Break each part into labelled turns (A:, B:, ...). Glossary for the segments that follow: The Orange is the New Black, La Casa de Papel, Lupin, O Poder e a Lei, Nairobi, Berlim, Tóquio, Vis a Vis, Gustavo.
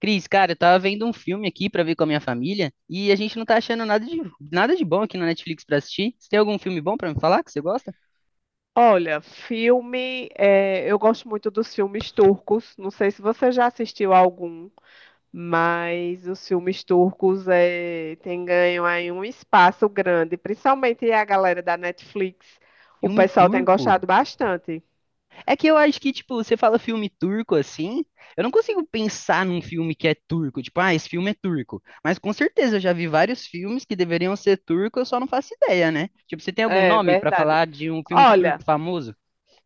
A: Cris, cara, eu tava vendo um filme aqui pra ver com a minha família e a gente não tá achando nada de bom aqui na Netflix pra assistir. Você tem algum filme bom pra me falar que você gosta?
B: Olha, filme, eu gosto muito dos filmes turcos. Não sei se você já assistiu algum, mas os filmes turcos têm ganho aí um espaço grande, principalmente a galera da Netflix. O
A: Filme
B: pessoal tem
A: turco?
B: gostado bastante.
A: É que eu acho que, tipo, você fala filme turco assim, eu não consigo pensar num filme que é turco, tipo, ah, esse filme é turco. Mas com certeza eu já vi vários filmes que deveriam ser turco, eu só não faço ideia, né? Tipo, você tem algum
B: É
A: nome pra
B: verdade.
A: falar de um filme
B: Olha,
A: turco famoso?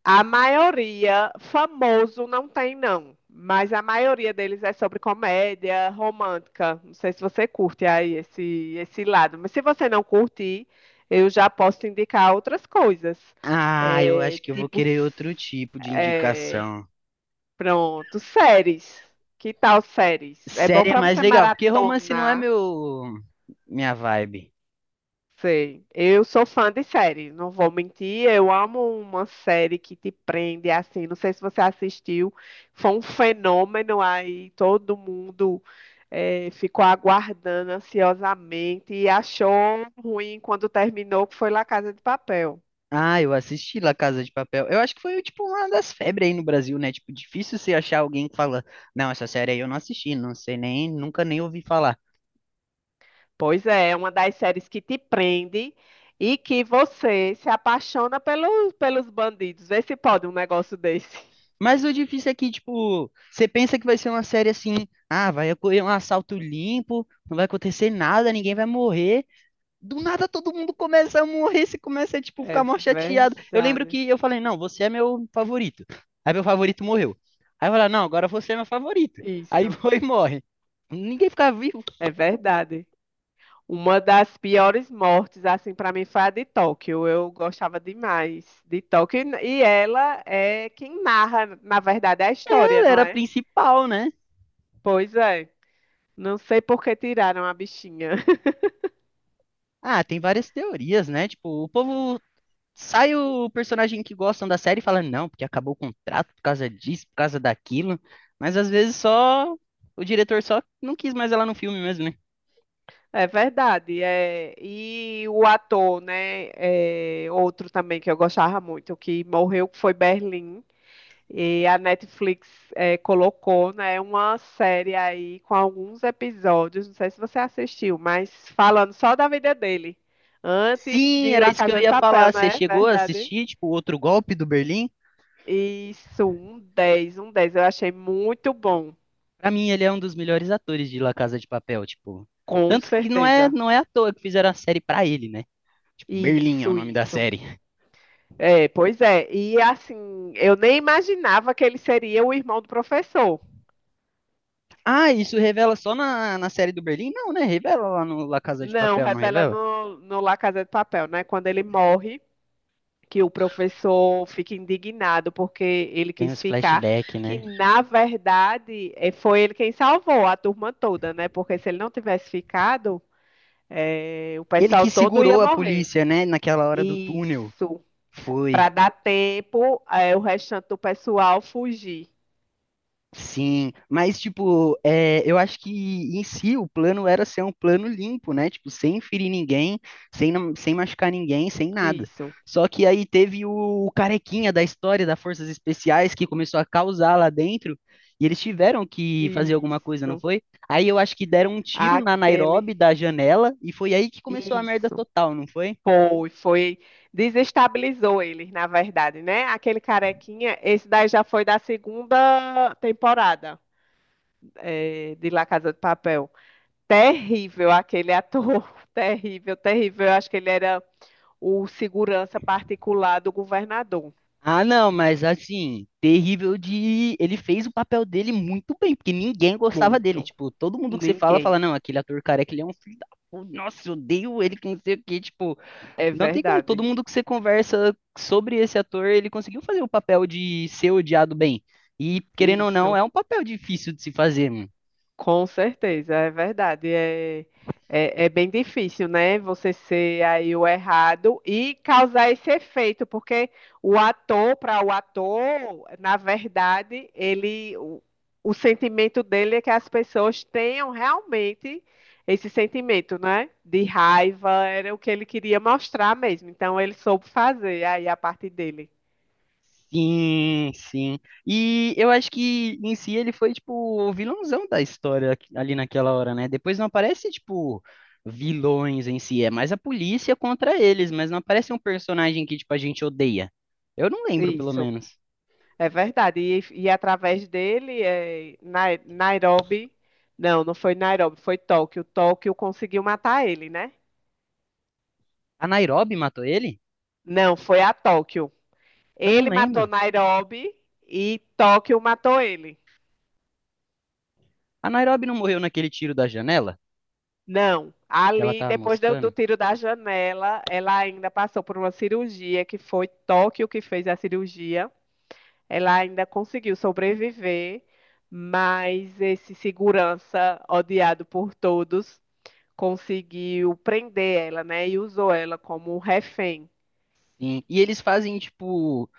B: a maioria, famoso não tem, não. Mas a maioria deles é sobre comédia romântica. Não sei se você curte aí esse lado. Mas se você não curtir, eu já posso te indicar outras coisas.
A: Ah, eu
B: É,
A: acho que eu vou
B: tipo,
A: querer outro tipo de
B: é,
A: indicação.
B: pronto, séries. Que tal séries? É bom
A: Série é
B: para
A: mais
B: você
A: legal, porque romance não é
B: maratonar.
A: meu minha vibe.
B: Sei. Eu sou fã de série, não vou mentir. Eu amo uma série que te prende é assim. Não sei se você assistiu, foi um fenômeno aí. Todo mundo ficou aguardando ansiosamente e achou ruim quando terminou, que foi La Casa de Papel.
A: Ah, eu assisti La Casa de Papel. Eu acho que foi tipo uma das febres aí no Brasil, né? Tipo, difícil você achar alguém que fala, não, essa série aí eu não assisti, não sei nem, nunca nem ouvi falar.
B: Pois é, é uma das séries que te prende e que você se apaixona pelos bandidos. Vê se pode um negócio desse.
A: Mas o difícil é que, tipo, você pensa que vai ser uma série assim, ah, vai ocorrer um assalto limpo, não vai acontecer nada, ninguém vai morrer. Do nada todo mundo começa a morrer, se começa a tipo,
B: É
A: ficar mal chateado. Eu lembro
B: verdade.
A: que eu falei, não, você é meu favorito. Aí meu favorito morreu. Aí eu falei, não, agora você é meu favorito. Aí
B: Isso,
A: foi e morre. Ninguém ficava vivo,
B: é verdade. Uma das piores mortes, assim, para mim foi a de Tóquio. Eu gostava demais de Tóquio. E ela é quem narra, na verdade, a
A: ela
B: história,
A: ele
B: não
A: era a
B: é?
A: principal, né?
B: Pois é. Não sei por que tiraram a bichinha.
A: Ah, tem várias teorias, né? Tipo, o povo sai o personagem que gostam da série e fala, não, porque acabou o contrato por causa disso, por causa daquilo. Mas às vezes só o diretor só não quis mais ela no filme mesmo, né?
B: É verdade. É... E o ator, né? É, outro também que eu gostava muito, que morreu, que foi Berlim. E a Netflix colocou, né, uma série aí com alguns episódios, não sei se você assistiu, mas falando só da vida dele, antes
A: Sim,
B: de
A: era
B: La
A: isso que eu
B: Casa de
A: ia
B: Papel,
A: falar.
B: não
A: Você
B: é
A: chegou a
B: verdade?
A: assistir, tipo, o outro golpe do Berlim?
B: Isso, um 10, um 10. Eu achei muito bom,
A: Pra mim, ele é um dos melhores atores de La Casa de Papel, tipo.
B: com
A: Tanto que
B: certeza.
A: não é à toa que fizeram a série pra ele, né? Tipo, Berlim é o
B: Isso,
A: nome da
B: isso.
A: série.
B: É, pois é, e assim, eu nem imaginava que ele seria o irmão do professor.
A: Ah, isso revela só na série do Berlim? Não, né? Revela lá no La Casa de
B: Não,
A: Papel, não
B: revela
A: revela?
B: no La Casa de Papel, né, quando ele morre, que o professor fica indignado porque ele
A: Tem
B: quis
A: os
B: ficar,
A: flashbacks,
B: que
A: né?
B: na verdade foi ele quem salvou a turma toda, né? Porque se ele não tivesse ficado, o
A: Ele
B: pessoal
A: que
B: todo ia
A: segurou a
B: morrer.
A: polícia, né? Naquela hora do túnel.
B: Isso, para
A: Foi.
B: dar tempo, o restante do pessoal fugir.
A: Sim, mas tipo, é, eu acho que em si o plano era ser um plano limpo, né? Tipo, sem ferir ninguém, sem machucar ninguém, sem nada.
B: Isso,
A: Só que aí teve o carequinha da história das Forças Especiais que começou a causar lá dentro e eles tiveram que fazer alguma coisa, não
B: isso,
A: foi? Aí eu acho que deram um tiro na
B: aquele,
A: Nairobi da janela e foi aí que começou a merda
B: isso.
A: total, não foi?
B: Foi, foi, desestabilizou eles, na verdade, né? Aquele carequinha, esse daí já foi da segunda temporada. É, de La Casa de Papel. Terrível aquele ator, terrível, terrível. Eu acho que ele era o segurança particular do governador.
A: Ah, não, mas assim, terrível de. Ele fez o papel dele muito bem, porque ninguém gostava dele.
B: Muito.
A: Tipo, todo mundo que
B: Ninguém.
A: fala, não, aquele ator careca, ele é um filho da puta. Nossa, eu odeio ele, que não sei o quê. Tipo,
B: É
A: não tem como. Todo
B: verdade.
A: mundo que você conversa sobre esse ator, ele conseguiu fazer o papel de ser odiado bem. E, querendo ou não,
B: Isso.
A: é um papel difícil de se fazer.
B: Com certeza, é verdade. É, é, é bem difícil, né? Você ser aí o errado e causar esse efeito, porque o ator, para o ator, na verdade, o sentimento dele é que as pessoas tenham realmente esse sentimento, né? De raiva, era o que ele queria mostrar mesmo. Então, ele soube fazer aí a parte dele.
A: Sim, sim. E eu acho que em si ele foi, tipo, o vilãozão da ali naquela hora, né? Depois não aparece, tipo, vilões em si, é mais a polícia contra eles, mas não aparece um personagem que, tipo, a gente odeia. Eu não lembro, pelo
B: Isso.
A: menos.
B: É verdade. E através dele, é, Nairobi. Não, não foi Nairobi, foi Tóquio. Tóquio conseguiu matar ele, né?
A: A Nairobi matou ele?
B: Não, foi a Tóquio.
A: Eu não
B: Ele matou
A: lembro.
B: Nairobi e Tóquio matou ele.
A: A Nairobi não morreu naquele tiro da janela?
B: Não,
A: Que ela
B: ali,
A: tava
B: depois do
A: moscando?
B: tiro da janela, ela ainda passou por uma cirurgia, que foi Tóquio que fez a cirurgia. Ela ainda conseguiu sobreviver, mas esse segurança, odiado por todos, conseguiu prender ela, né? E usou ela como um refém.
A: Sim. E eles fazem, tipo,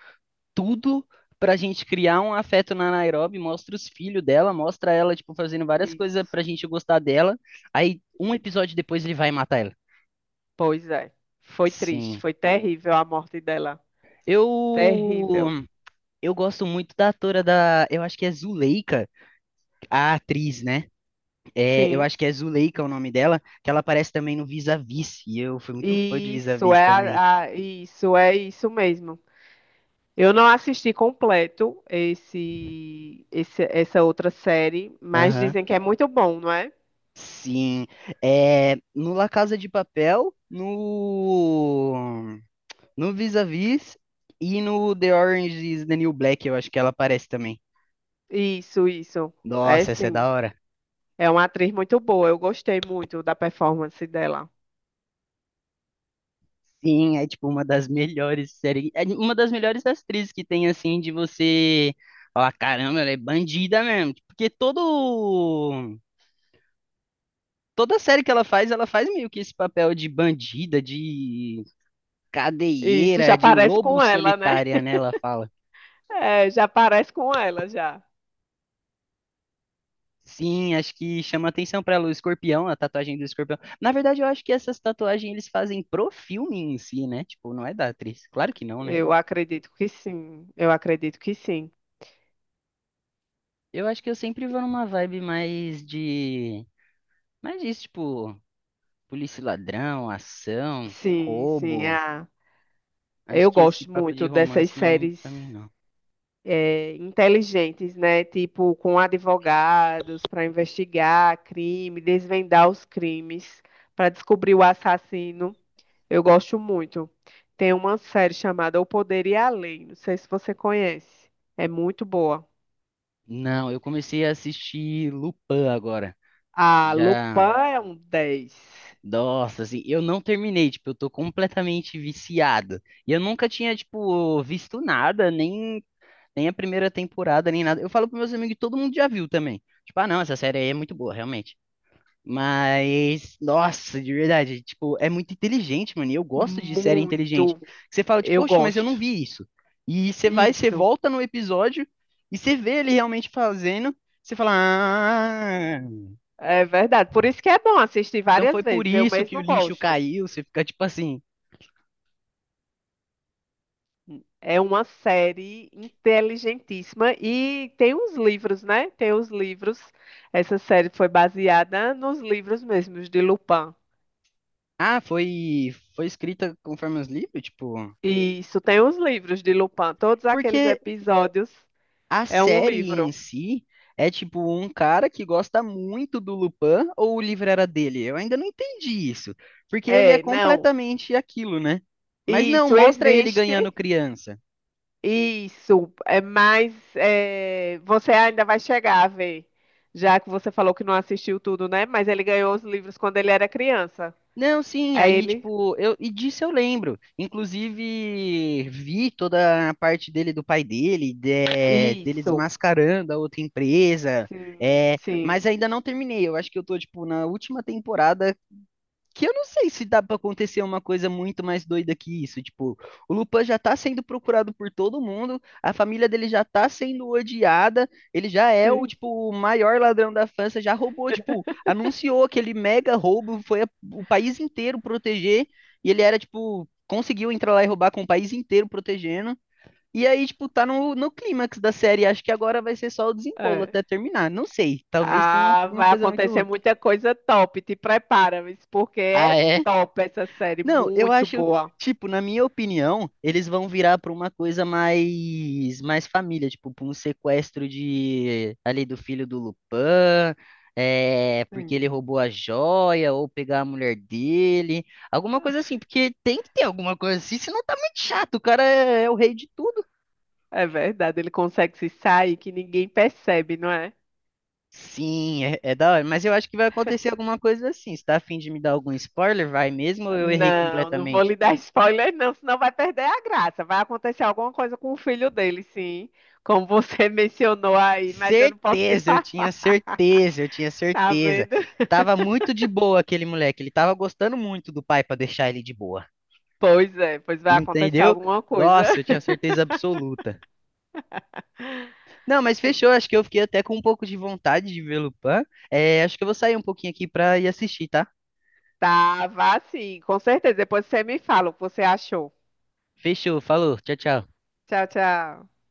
A: tudo pra gente criar um afeto na Nairobi, mostra os filhos dela, mostra ela, tipo, fazendo várias coisas
B: Isso.
A: pra gente gostar dela. Aí, um episódio depois, ele vai matar ela.
B: Pois é. Foi triste,
A: Sim.
B: foi terrível a morte dela.
A: Eu
B: Terrível.
A: eu gosto muito da atora da, eu acho que é Zuleika, a atriz, né? É, eu
B: Sim.
A: acho que é Zuleika o nome dela, que ela aparece também no Vis a Vis, e eu fui muito fã de Vis a Vis também.
B: Isso é isso mesmo. Eu não assisti completo essa outra série, mas
A: Aham.
B: dizem que é muito bom, não é?
A: Sim. É, no La Casa de Papel, No Vis-a-Vis e no The Orange is the New Black, eu acho que ela aparece também.
B: Isso, isso. É
A: Nossa, essa é
B: sim.
A: da hora.
B: É uma atriz muito boa. Eu gostei muito da performance dela.
A: Sim, é tipo uma das melhores séries, é uma das melhores atrizes que tem assim de você falar, caramba, ela é bandida mesmo, porque todo toda série que ela faz meio que esse papel de bandida, de
B: Isso
A: cadeieira,
B: já
A: de
B: parece
A: lobo
B: com ela, né?
A: solitária, né, ela fala.
B: É, já parece com ela, já.
A: Sim, acho que chama atenção pra ela o escorpião, a tatuagem do escorpião. Na verdade, eu acho que essas tatuagens eles fazem pro filme em si, né? Tipo, não é da atriz. Claro que não, né?
B: Eu acredito que sim. Eu acredito que sim.
A: Eu acho que eu sempre vou numa vibe mais de. Mais disso, tipo, polícia e ladrão, ação,
B: Sim, sim.
A: roubo.
B: Ah,
A: Acho
B: eu
A: que esse
B: gosto
A: papo de
B: muito dessas
A: romance não é muito
B: séries,
A: pra mim, não.
B: é, inteligentes, né? Tipo, com advogados para investigar crime, desvendar os crimes, para descobrir o assassino. Eu gosto muito. Tem uma série chamada O Poder e a Lei. Não sei se você conhece. É muito boa.
A: Não, eu comecei a assistir Lupin agora.
B: A Lupin
A: Já.
B: é um 10.
A: Nossa, assim, eu não terminei, tipo, eu tô completamente viciado. E eu nunca tinha, tipo, visto nada, nem, nem a primeira temporada, nem nada. Eu falo pros meus amigos, e todo mundo já viu também. Tipo, ah, não, essa série aí é muito boa, realmente. Mas, nossa, de verdade, tipo, é muito inteligente, mano. E eu gosto de série inteligente.
B: Muito,
A: Você fala, tipo,
B: eu
A: poxa, mas eu não
B: gosto.
A: vi isso. E você vai, você
B: Isso.
A: volta no episódio e você vê ele realmente fazendo. Você fala, ah,
B: É verdade. Por isso que é bom assistir
A: então foi
B: várias
A: por
B: vezes. Eu
A: isso que o
B: mesmo
A: lixo
B: gosto.
A: caiu. Você fica tipo assim.
B: É uma série inteligentíssima e tem uns livros, né? Tem os livros. Essa série foi baseada nos livros mesmos de Lupin.
A: Ah, foi, foi escrita conforme os livros, tipo.
B: Isso, tem os livros de Lupin. Todos aqueles
A: Porque
B: episódios
A: a
B: é um
A: série em
B: livro.
A: si é tipo um cara que gosta muito do Lupin ou o livro era dele? Eu ainda não entendi isso. Porque ele é
B: É, não.
A: completamente aquilo, né? Mas não,
B: Isso
A: mostra ele ganhando
B: existe.
A: criança.
B: Isso, é mais. É, você ainda vai chegar a ver, já que você falou que não assistiu tudo, né? Mas ele ganhou os livros quando ele era criança.
A: Não, sim,
B: Aí
A: aí,
B: ele.
A: tipo, eu, e disso eu lembro. Inclusive, vi toda a parte dele do pai dele, dele
B: Isso,
A: desmascarando a outra empresa,
B: sim,
A: é, mas
B: sim,
A: ainda não terminei. Eu acho que eu tô, tipo, na última temporada que eu não sei se dá pra acontecer uma coisa muito mais doida que isso. Tipo, o Lupin já tá sendo procurado por todo mundo, a família dele já tá sendo odiada, ele já é o,
B: sim.
A: tipo, o maior ladrão da França, já roubou, tipo, anunciou aquele mega roubo, foi o país inteiro proteger, e ele era, tipo, conseguiu entrar lá e roubar com o país inteiro protegendo. E aí, tipo, tá no clímax da série. Acho que agora vai ser só o desenrolo
B: É.
A: até terminar. Não sei. Talvez tenha
B: Ah,
A: uma
B: vai
A: coisa muito
B: acontecer
A: boa.
B: muita coisa top, te prepara, Miss, porque é
A: Ah, é.
B: top essa série,
A: Não, eu
B: muito
A: acho,
B: boa.
A: tipo, na minha opinião, eles vão virar pra uma coisa mais família, tipo, pra um sequestro de ali do filho do Lupin, é, porque ele
B: Sim.
A: roubou a joia ou pegar a mulher dele, alguma coisa assim, porque tem que ter alguma coisa assim, senão tá muito chato, o cara é o rei de tudo.
B: É verdade, ele consegue se sair que ninguém percebe, não é?
A: Sim, é, é da hora, mas eu acho que vai acontecer alguma coisa assim. Você tá a fim de me dar algum spoiler? Vai mesmo ou eu errei
B: Não, não vou
A: completamente?
B: lhe dar spoiler, não, senão vai perder a graça. Vai acontecer alguma coisa com o filho dele, sim, como você mencionou aí, mas eu não posso te
A: Certeza,
B: falar,
A: eu tinha
B: tá
A: certeza.
B: vendo?
A: Tava muito de boa aquele moleque, ele tava gostando muito do pai pra deixar ele de boa.
B: Pois é, pois vai acontecer
A: Entendeu?
B: alguma coisa.
A: Nossa, eu tinha certeza absoluta. Não, mas fechou, acho que eu fiquei até com um pouco de vontade de ver Lupin. É, acho que eu vou sair um pouquinho aqui pra ir assistir, tá?
B: Tá, vá sim, com certeza. Depois você me fala o que você achou.
A: Fechou, falou, tchau, tchau.
B: Tchau, tchau.